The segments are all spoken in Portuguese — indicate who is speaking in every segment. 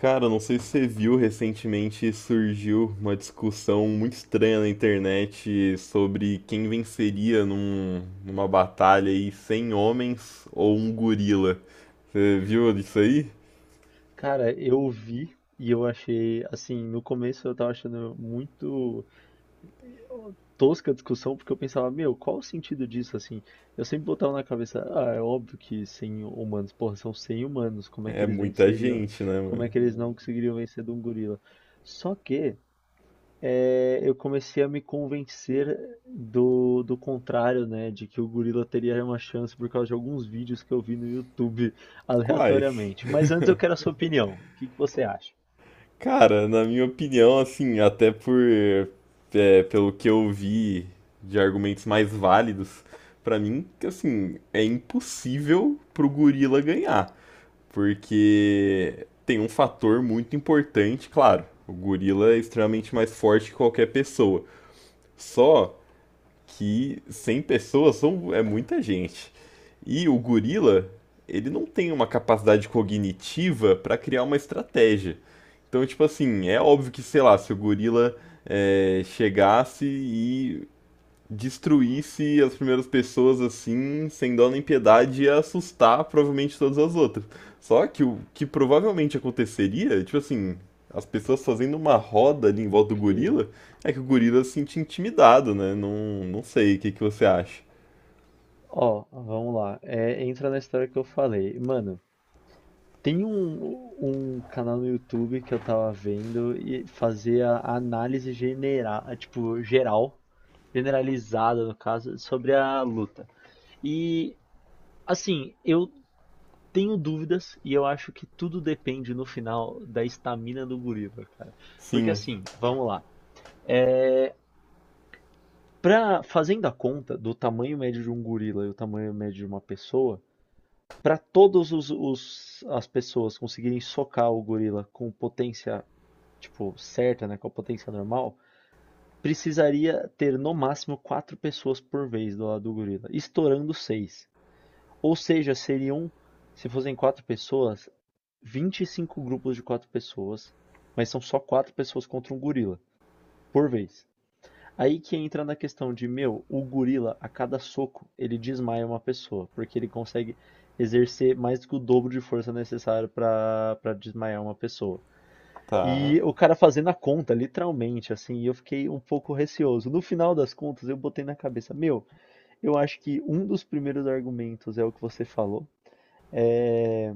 Speaker 1: Cara, não sei se você viu, recentemente surgiu uma discussão muito estranha na internet sobre quem venceria numa batalha aí 100 homens ou um gorila. Você viu isso aí?
Speaker 2: Cara, eu vi e eu achei, assim, no começo eu tava achando muito eh, tosca a discussão, porque eu pensava, meu, qual o sentido disso, assim? Eu sempre botava na cabeça, ah, é óbvio que 100 humanos, porra, são 100 humanos, como é que
Speaker 1: É
Speaker 2: eles
Speaker 1: muita
Speaker 2: venceriam,
Speaker 1: gente, né,
Speaker 2: como é
Speaker 1: mano?
Speaker 2: que eles não conseguiriam vencer de um gorila? Só que eu comecei a me convencer do contrário, né, de que o gorila teria uma chance por causa de alguns vídeos que eu vi no YouTube
Speaker 1: Quais?
Speaker 2: aleatoriamente. Mas antes eu quero a sua opinião, o que que você acha?
Speaker 1: Cara, na minha opinião, assim, até por pelo que eu vi de argumentos mais válidos, pra mim, que assim, é impossível pro gorila ganhar. Porque tem um fator muito importante, claro. O gorila é extremamente mais forte que qualquer pessoa. Só que 100 pessoas são, é muita gente. E o gorila, ele não tem uma capacidade cognitiva para criar uma estratégia. Então, tipo assim, é óbvio que, sei lá, se o gorila chegasse e destruísse as primeiras pessoas assim, sem dó nem piedade, ia assustar provavelmente todas as outras. Só que o que provavelmente aconteceria, tipo assim, as pessoas fazendo uma roda ali em volta do
Speaker 2: Ok.
Speaker 1: gorila, é que o gorila se sente intimidado, né? Não, não sei, o que que você acha?
Speaker 2: Ó, vamos lá. É, entra na história que eu falei. Mano, tem um canal no YouTube que eu tava vendo e fazia análise general, tipo, geral, generalizada no caso, sobre a luta. E, assim, eu tenho dúvidas e eu acho que tudo depende no final da estamina do gorila, cara. Porque,
Speaker 1: Sim,
Speaker 2: assim, vamos lá. Fazendo a conta do tamanho médio de um gorila e o tamanho médio de uma pessoa, para todos os as pessoas conseguirem socar o gorila com potência, tipo, certa, né, com a potência normal, precisaria ter no máximo quatro pessoas por vez do lado do gorila, estourando seis. Ou seja, seriam, se fossem quatro pessoas, 25 grupos de quatro pessoas, mas são só quatro pessoas contra um gorila por vez. Aí que entra na questão de, meu, o gorila, a cada soco, ele desmaia uma pessoa, porque ele consegue exercer mais do que o dobro de força necessária pra para desmaiar uma pessoa.
Speaker 1: tá.
Speaker 2: E o cara fazendo a conta, literalmente, assim, e eu fiquei um pouco receoso. No final das contas, eu botei na cabeça, meu, eu acho que um dos primeiros argumentos é o que você falou. É,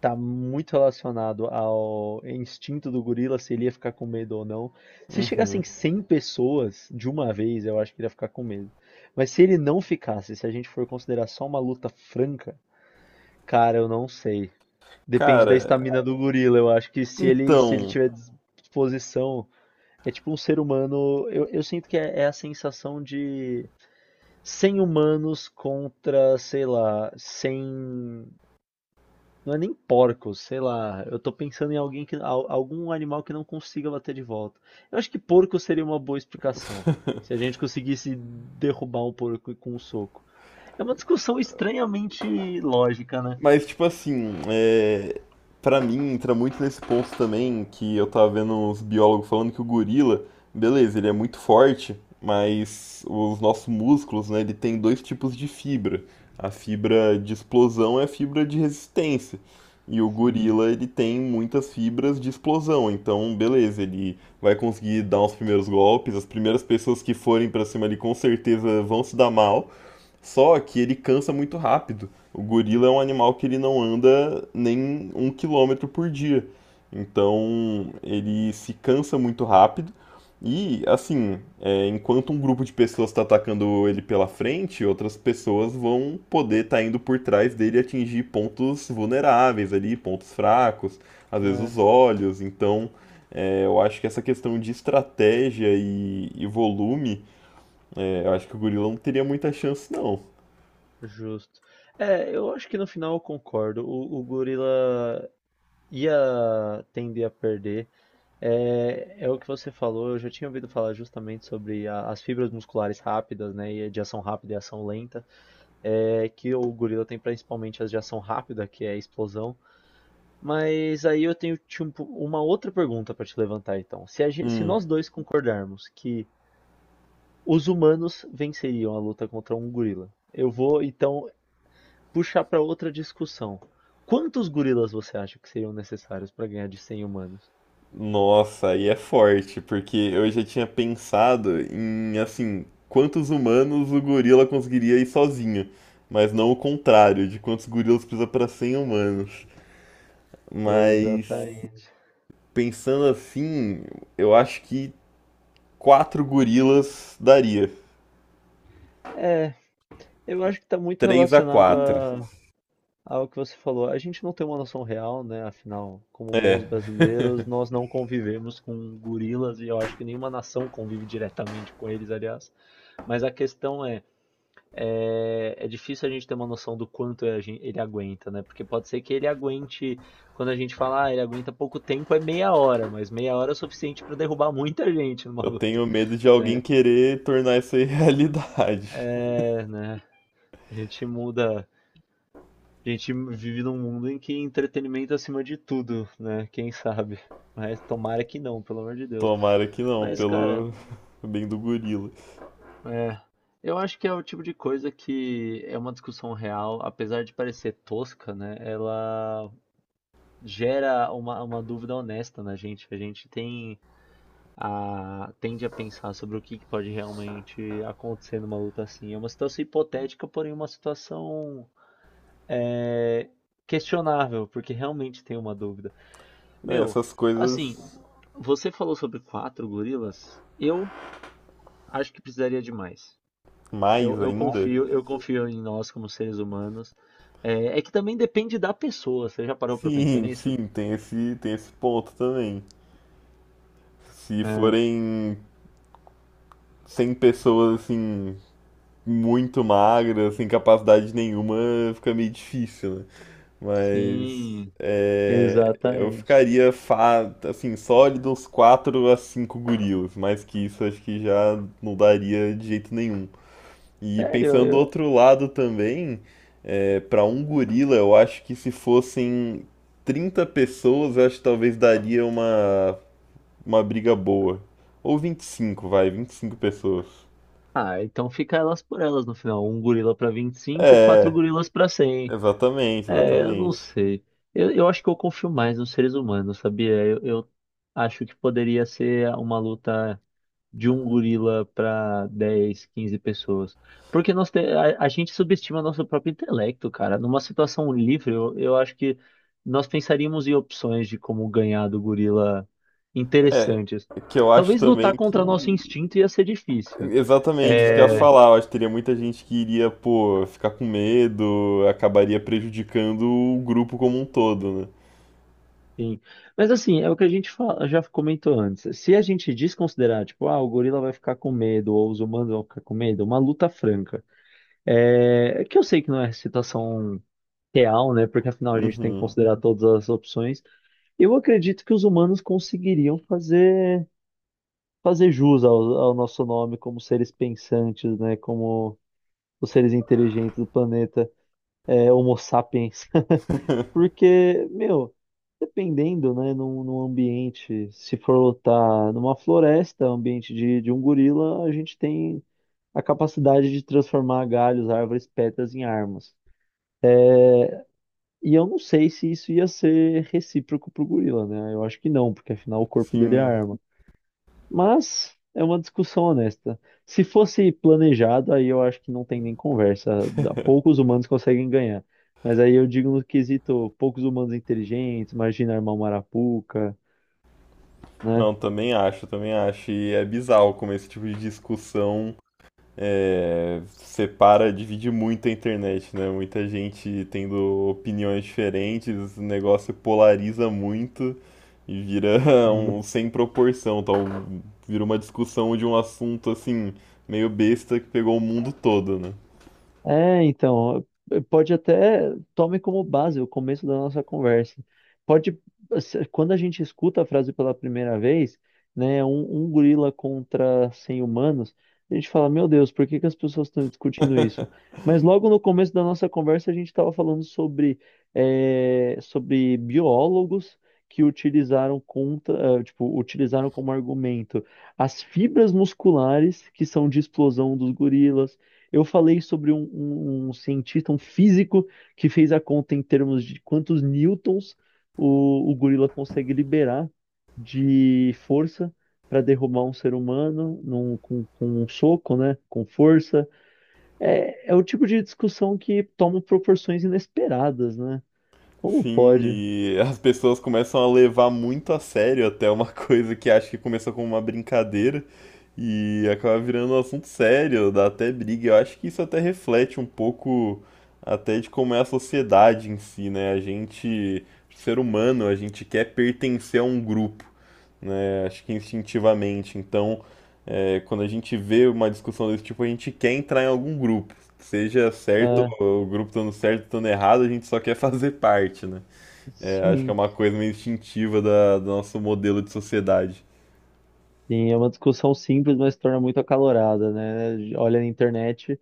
Speaker 2: tá muito relacionado ao instinto do gorila, se ele ia ficar com medo ou não. Se chegassem
Speaker 1: Uhum.
Speaker 2: 100 pessoas de uma vez, eu acho que ele ia ficar com medo. Mas se ele não ficasse, se a gente for considerar só uma luta franca, cara, eu não sei. Depende da
Speaker 1: Cara,
Speaker 2: estamina do gorila, eu acho que se ele
Speaker 1: então,
Speaker 2: tiver disposição, é tipo um ser humano, eu sinto que é a sensação de 100 humanos contra, sei lá, 100 não é nem porcos, sei lá. Eu tô pensando em alguém que, algum animal que não consiga bater de volta. Eu acho que porco seria uma boa explicação. Se a gente conseguisse derrubar um porco com um soco. É uma discussão estranhamente lógica, né?
Speaker 1: mas, tipo assim, pra mim entra muito nesse ponto também que eu tava vendo uns biólogos falando que o gorila, beleza, ele é muito forte, mas os nossos músculos, né, ele tem dois tipos de fibra. A fibra de explosão é a fibra de resistência. E o
Speaker 2: Sim,
Speaker 1: gorila, ele tem muitas fibras de explosão, então beleza, ele vai conseguir dar os primeiros golpes, as primeiras pessoas que forem pra cima ali com certeza vão se dar mal. Só que ele cansa muito rápido. O gorila é um animal que ele não anda nem 1 km por dia. Então ele se cansa muito rápido. E assim, enquanto um grupo de pessoas está atacando ele pela frente, outras pessoas vão poder estar indo por trás dele e atingir pontos vulneráveis ali, pontos fracos, às vezes
Speaker 2: é,
Speaker 1: os olhos. Então eu acho que essa questão de estratégia e volume, eu acho que o gorila não teria muita chance, não.
Speaker 2: justo. É, eu acho que no final eu concordo. O gorila ia tender a perder. É o que você falou, eu já tinha ouvido falar justamente sobre as fibras musculares rápidas, né? E de ação rápida e ação lenta. É, que o gorila tem principalmente as de ação rápida, que é a explosão. Mas aí eu tenho tipo, uma outra pergunta para te levantar, então. Se, gente, se
Speaker 1: Hum,
Speaker 2: nós dois concordarmos que os humanos venceriam a luta contra um gorila, eu vou então puxar para outra discussão. Quantos gorilas você acha que seriam necessários para ganhar de cem humanos?
Speaker 1: Nossa, aí é forte, porque eu já tinha pensado em, assim, quantos humanos o gorila conseguiria ir sozinho, mas não o contrário, de quantos gorilas precisa para 100 humanos. Mas,
Speaker 2: Exatamente.
Speaker 1: pensando assim, eu acho que 4 gorilas daria.
Speaker 2: É, eu acho que está muito
Speaker 1: Três a
Speaker 2: relacionado
Speaker 1: quatro.
Speaker 2: a algo que você falou, a gente não tem uma noção real, né? Afinal, como bons
Speaker 1: É,
Speaker 2: brasileiros, nós não convivemos com gorilas e eu acho que nenhuma nação convive diretamente com eles, aliás. Mas a questão é, é difícil a gente ter uma noção do quanto ele aguenta, né? Porque pode ser que ele aguente, quando a gente fala, ah, ele aguenta pouco tempo, é meia hora, mas meia hora é o suficiente para derrubar muita gente numa
Speaker 1: eu
Speaker 2: luta,
Speaker 1: tenho medo de alguém
Speaker 2: né?
Speaker 1: querer tornar isso aí realidade.
Speaker 2: É, né? A gente muda. A gente vive num mundo em que entretenimento é acima de tudo, né? Quem sabe? Mas tomara que não, pelo amor de Deus.
Speaker 1: Tomara que não,
Speaker 2: Mas, cara,
Speaker 1: pelo bem do gorila.
Speaker 2: é, eu acho que é o tipo de coisa que é uma discussão real, apesar de parecer tosca, né? Ela gera uma dúvida honesta na gente. A gente tem tende a pensar sobre o que que pode realmente acontecer numa luta assim. É uma situação hipotética, porém uma situação é, questionável, porque realmente tem uma dúvida.
Speaker 1: É,
Speaker 2: Meu,
Speaker 1: essas
Speaker 2: assim,
Speaker 1: coisas.
Speaker 2: você falou sobre quatro gorilas. Eu acho que precisaria de mais.
Speaker 1: Mais
Speaker 2: Eu
Speaker 1: ainda?
Speaker 2: confio, eu confio em nós como seres humanos. É, é que também depende da pessoa. Você já parou pra pensar
Speaker 1: Sim,
Speaker 2: nisso?
Speaker 1: sim, tem esse ponto também. Se
Speaker 2: É,
Speaker 1: forem 100 pessoas, assim, muito magras, sem capacidade nenhuma, fica meio difícil, né? Mas
Speaker 2: sim,
Speaker 1: eu
Speaker 2: exatamente.
Speaker 1: ficaria, assim, sólido uns 4 a 5 gorilas. Mais que isso, acho que já não daria de jeito nenhum. E
Speaker 2: Sério,
Speaker 1: pensando do
Speaker 2: eu...
Speaker 1: outro lado também, para um gorila, eu acho que se fossem 30 pessoas, eu acho que talvez daria uma briga boa. Ou vinte e cinco pessoas.
Speaker 2: Ah, então fica elas por elas no final. Um gorila pra vinte e cinco quatro
Speaker 1: É,
Speaker 2: gorilas pra cem.
Speaker 1: exatamente,
Speaker 2: É, eu não
Speaker 1: exatamente.
Speaker 2: sei. Eu acho que eu confio mais nos seres humanos, sabia? Eu acho que poderia ser uma luta de um gorila para 10, 15 pessoas. Porque a gente subestima nosso próprio intelecto, cara. Numa situação livre, eu acho que nós pensaríamos em opções de como ganhar do gorila
Speaker 1: É,
Speaker 2: interessantes.
Speaker 1: que eu acho
Speaker 2: Talvez lutar
Speaker 1: também
Speaker 2: contra nosso
Speaker 1: que.
Speaker 2: instinto ia ser difícil.
Speaker 1: Exatamente, isso que eu ia
Speaker 2: É,
Speaker 1: falar. Eu acho que teria muita gente que iria, pô, ficar com medo, acabaria prejudicando o grupo como um todo, né?
Speaker 2: sim. Mas assim, é o que a gente já comentou antes. Se a gente desconsiderar, tipo, ah, o gorila vai ficar com medo, ou os humanos vão ficar com medo, uma luta franca. É, que eu sei que não é situação real, né? Porque afinal a gente tem que
Speaker 1: Uhum.
Speaker 2: considerar todas as opções. Eu acredito que os humanos conseguiriam fazer jus ao, ao nosso nome como seres pensantes, né? Como os seres inteligentes do planeta, é, Homo sapiens. Porque, meu, dependendo, né? Num ambiente, se for lutar numa floresta, ambiente de um gorila, a gente tem a capacidade de transformar galhos, árvores, pedras em armas. E eu não sei se isso ia ser recíproco pro gorila, né? Eu acho que não, porque afinal o corpo dele é
Speaker 1: Sim.
Speaker 2: arma. Mas é uma discussão honesta. Se fosse planejado, aí eu acho que não tem nem conversa. Poucos humanos conseguem ganhar. Mas aí eu digo no quesito, poucos humanos inteligentes, imagina armar uma arapuca, né?
Speaker 1: Não, também acho, também acho. E é bizarro como esse tipo de discussão separa, divide muito a internet, né? Muita gente tendo opiniões diferentes, o negócio polariza muito e vira um sem proporção, tal. Vira uma discussão de um assunto assim, meio besta que pegou o mundo todo, né?
Speaker 2: É, então, pode até, tome como base o começo da nossa conversa. Pode, quando a gente escuta a frase pela primeira vez, né, um gorila contra 100 humanos, a gente fala, meu Deus, por que que as pessoas estão discutindo isso? Mas logo no começo da nossa conversa, a gente estava falando sobre, sobre biólogos que utilizaram contra, tipo, utilizaram como argumento as fibras musculares que são de explosão dos gorilas, eu falei sobre um cientista, um físico, que fez a conta em termos de quantos newtons o gorila consegue liberar de força para derrubar um ser humano com um soco, né? Com força. É o tipo de discussão que toma proporções inesperadas, né? Como
Speaker 1: Sim,
Speaker 2: pode?
Speaker 1: e as pessoas começam a levar muito a sério até uma coisa que acho que começou como uma brincadeira e acaba virando um assunto sério, dá até briga. Eu acho que isso até reflete um pouco até de como é a sociedade em si, né? A gente, ser humano, a gente quer pertencer a um grupo, né? Acho que instintivamente. Então, quando a gente vê uma discussão desse tipo, a gente quer entrar em algum grupo. Seja certo,
Speaker 2: Ah,
Speaker 1: ou o grupo estando certo, estando errado, a gente só quer fazer parte, né? É, acho que é
Speaker 2: sim.
Speaker 1: uma coisa meio instintiva do nosso modelo de sociedade.
Speaker 2: Sim, é uma discussão simples, mas se torna muito acalorada, né? Olha na internet,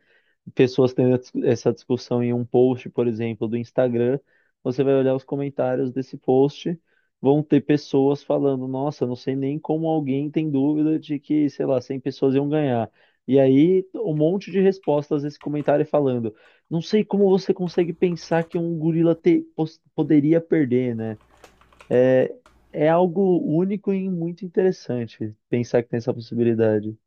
Speaker 2: pessoas tendo essa discussão em um post, por exemplo, do Instagram, você vai olhar os comentários desse post, vão ter pessoas falando, nossa, não sei nem como alguém tem dúvida de que, sei lá, 100 pessoas iam ganhar. E aí, um monte de respostas a esse comentário falando, não sei como você consegue pensar que um gorila poderia perder, né? É é algo único e muito interessante pensar que tem essa possibilidade.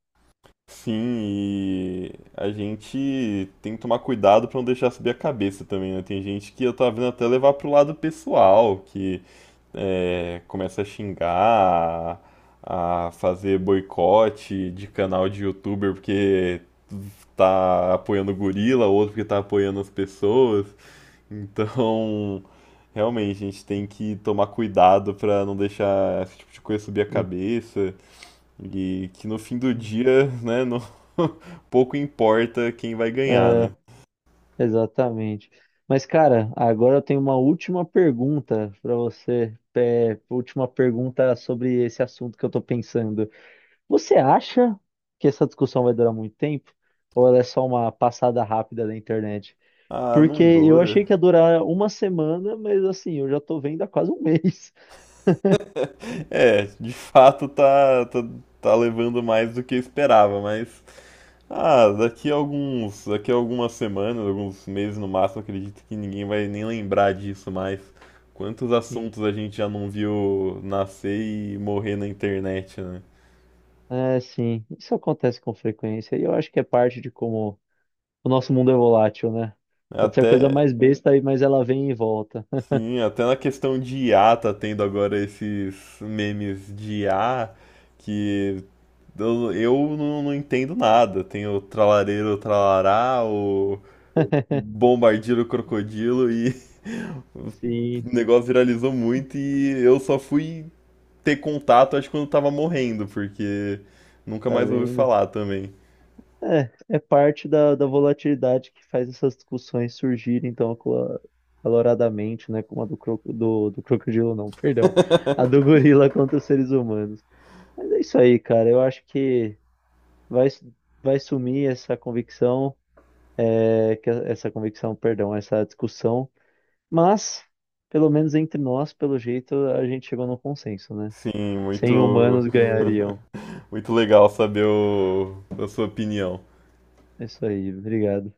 Speaker 1: Sim, e a gente tem que tomar cuidado pra não deixar subir a cabeça também, né? Tem gente que eu tava vendo até levar pro lado pessoal, que começa a xingar, a fazer boicote de canal de youtuber porque tá apoiando o gorila, outro porque tá apoiando as pessoas. Então, realmente, a gente tem que tomar cuidado pra não deixar esse tipo de coisa subir a
Speaker 2: Sim.
Speaker 1: cabeça. E que no fim do dia, né, pouco importa quem vai ganhar, né?
Speaker 2: É, exatamente. Mas, cara, agora eu tenho uma última pergunta para você. É, última pergunta sobre esse assunto que eu tô pensando. Você acha que essa discussão vai durar muito tempo? Ou ela é só uma passada rápida da internet?
Speaker 1: Ah,
Speaker 2: Porque
Speaker 1: não
Speaker 2: eu
Speaker 1: dura.
Speaker 2: achei que ia durar uma semana, mas assim, eu já tô vendo há quase um mês.
Speaker 1: É, de fato tá levando mais do que eu esperava, mas. Ah, daqui a algumas semanas, alguns meses no máximo, acredito que ninguém vai nem lembrar disso mais. Quantos
Speaker 2: Sim.
Speaker 1: assuntos a gente já não viu nascer e morrer na internet, né?
Speaker 2: É, sim, isso acontece com frequência e eu acho que é parte de como o nosso mundo é volátil, né? Pode ser a coisa
Speaker 1: Até,
Speaker 2: mais besta aí, mas ela vem e volta.
Speaker 1: sim, até na questão de IA tá tendo agora esses memes de IA que eu não entendo nada. Tem o tralareiro tralará, o bombardeiro crocodilo e
Speaker 2: Sim,
Speaker 1: o negócio viralizou muito e eu só fui ter contato, acho que quando tava morrendo, porque nunca
Speaker 2: tá
Speaker 1: mais ouvi
Speaker 2: vendo?
Speaker 1: falar também.
Speaker 2: É, é parte da volatilidade que faz essas discussões surgirem tão acaloradamente, né? Como a do crocodilo, não, perdão. A do gorila contra os seres humanos. Mas é isso aí, cara. Eu acho que vai, su- vai sumir essa convicção, é, que, essa convicção, perdão, essa discussão. Mas, pelo menos entre nós, pelo jeito, a gente chegou num consenso, né?
Speaker 1: Sim,
Speaker 2: 100
Speaker 1: muito
Speaker 2: humanos ganhariam.
Speaker 1: muito legal saber a sua opinião.
Speaker 2: É, isso aí, obrigado.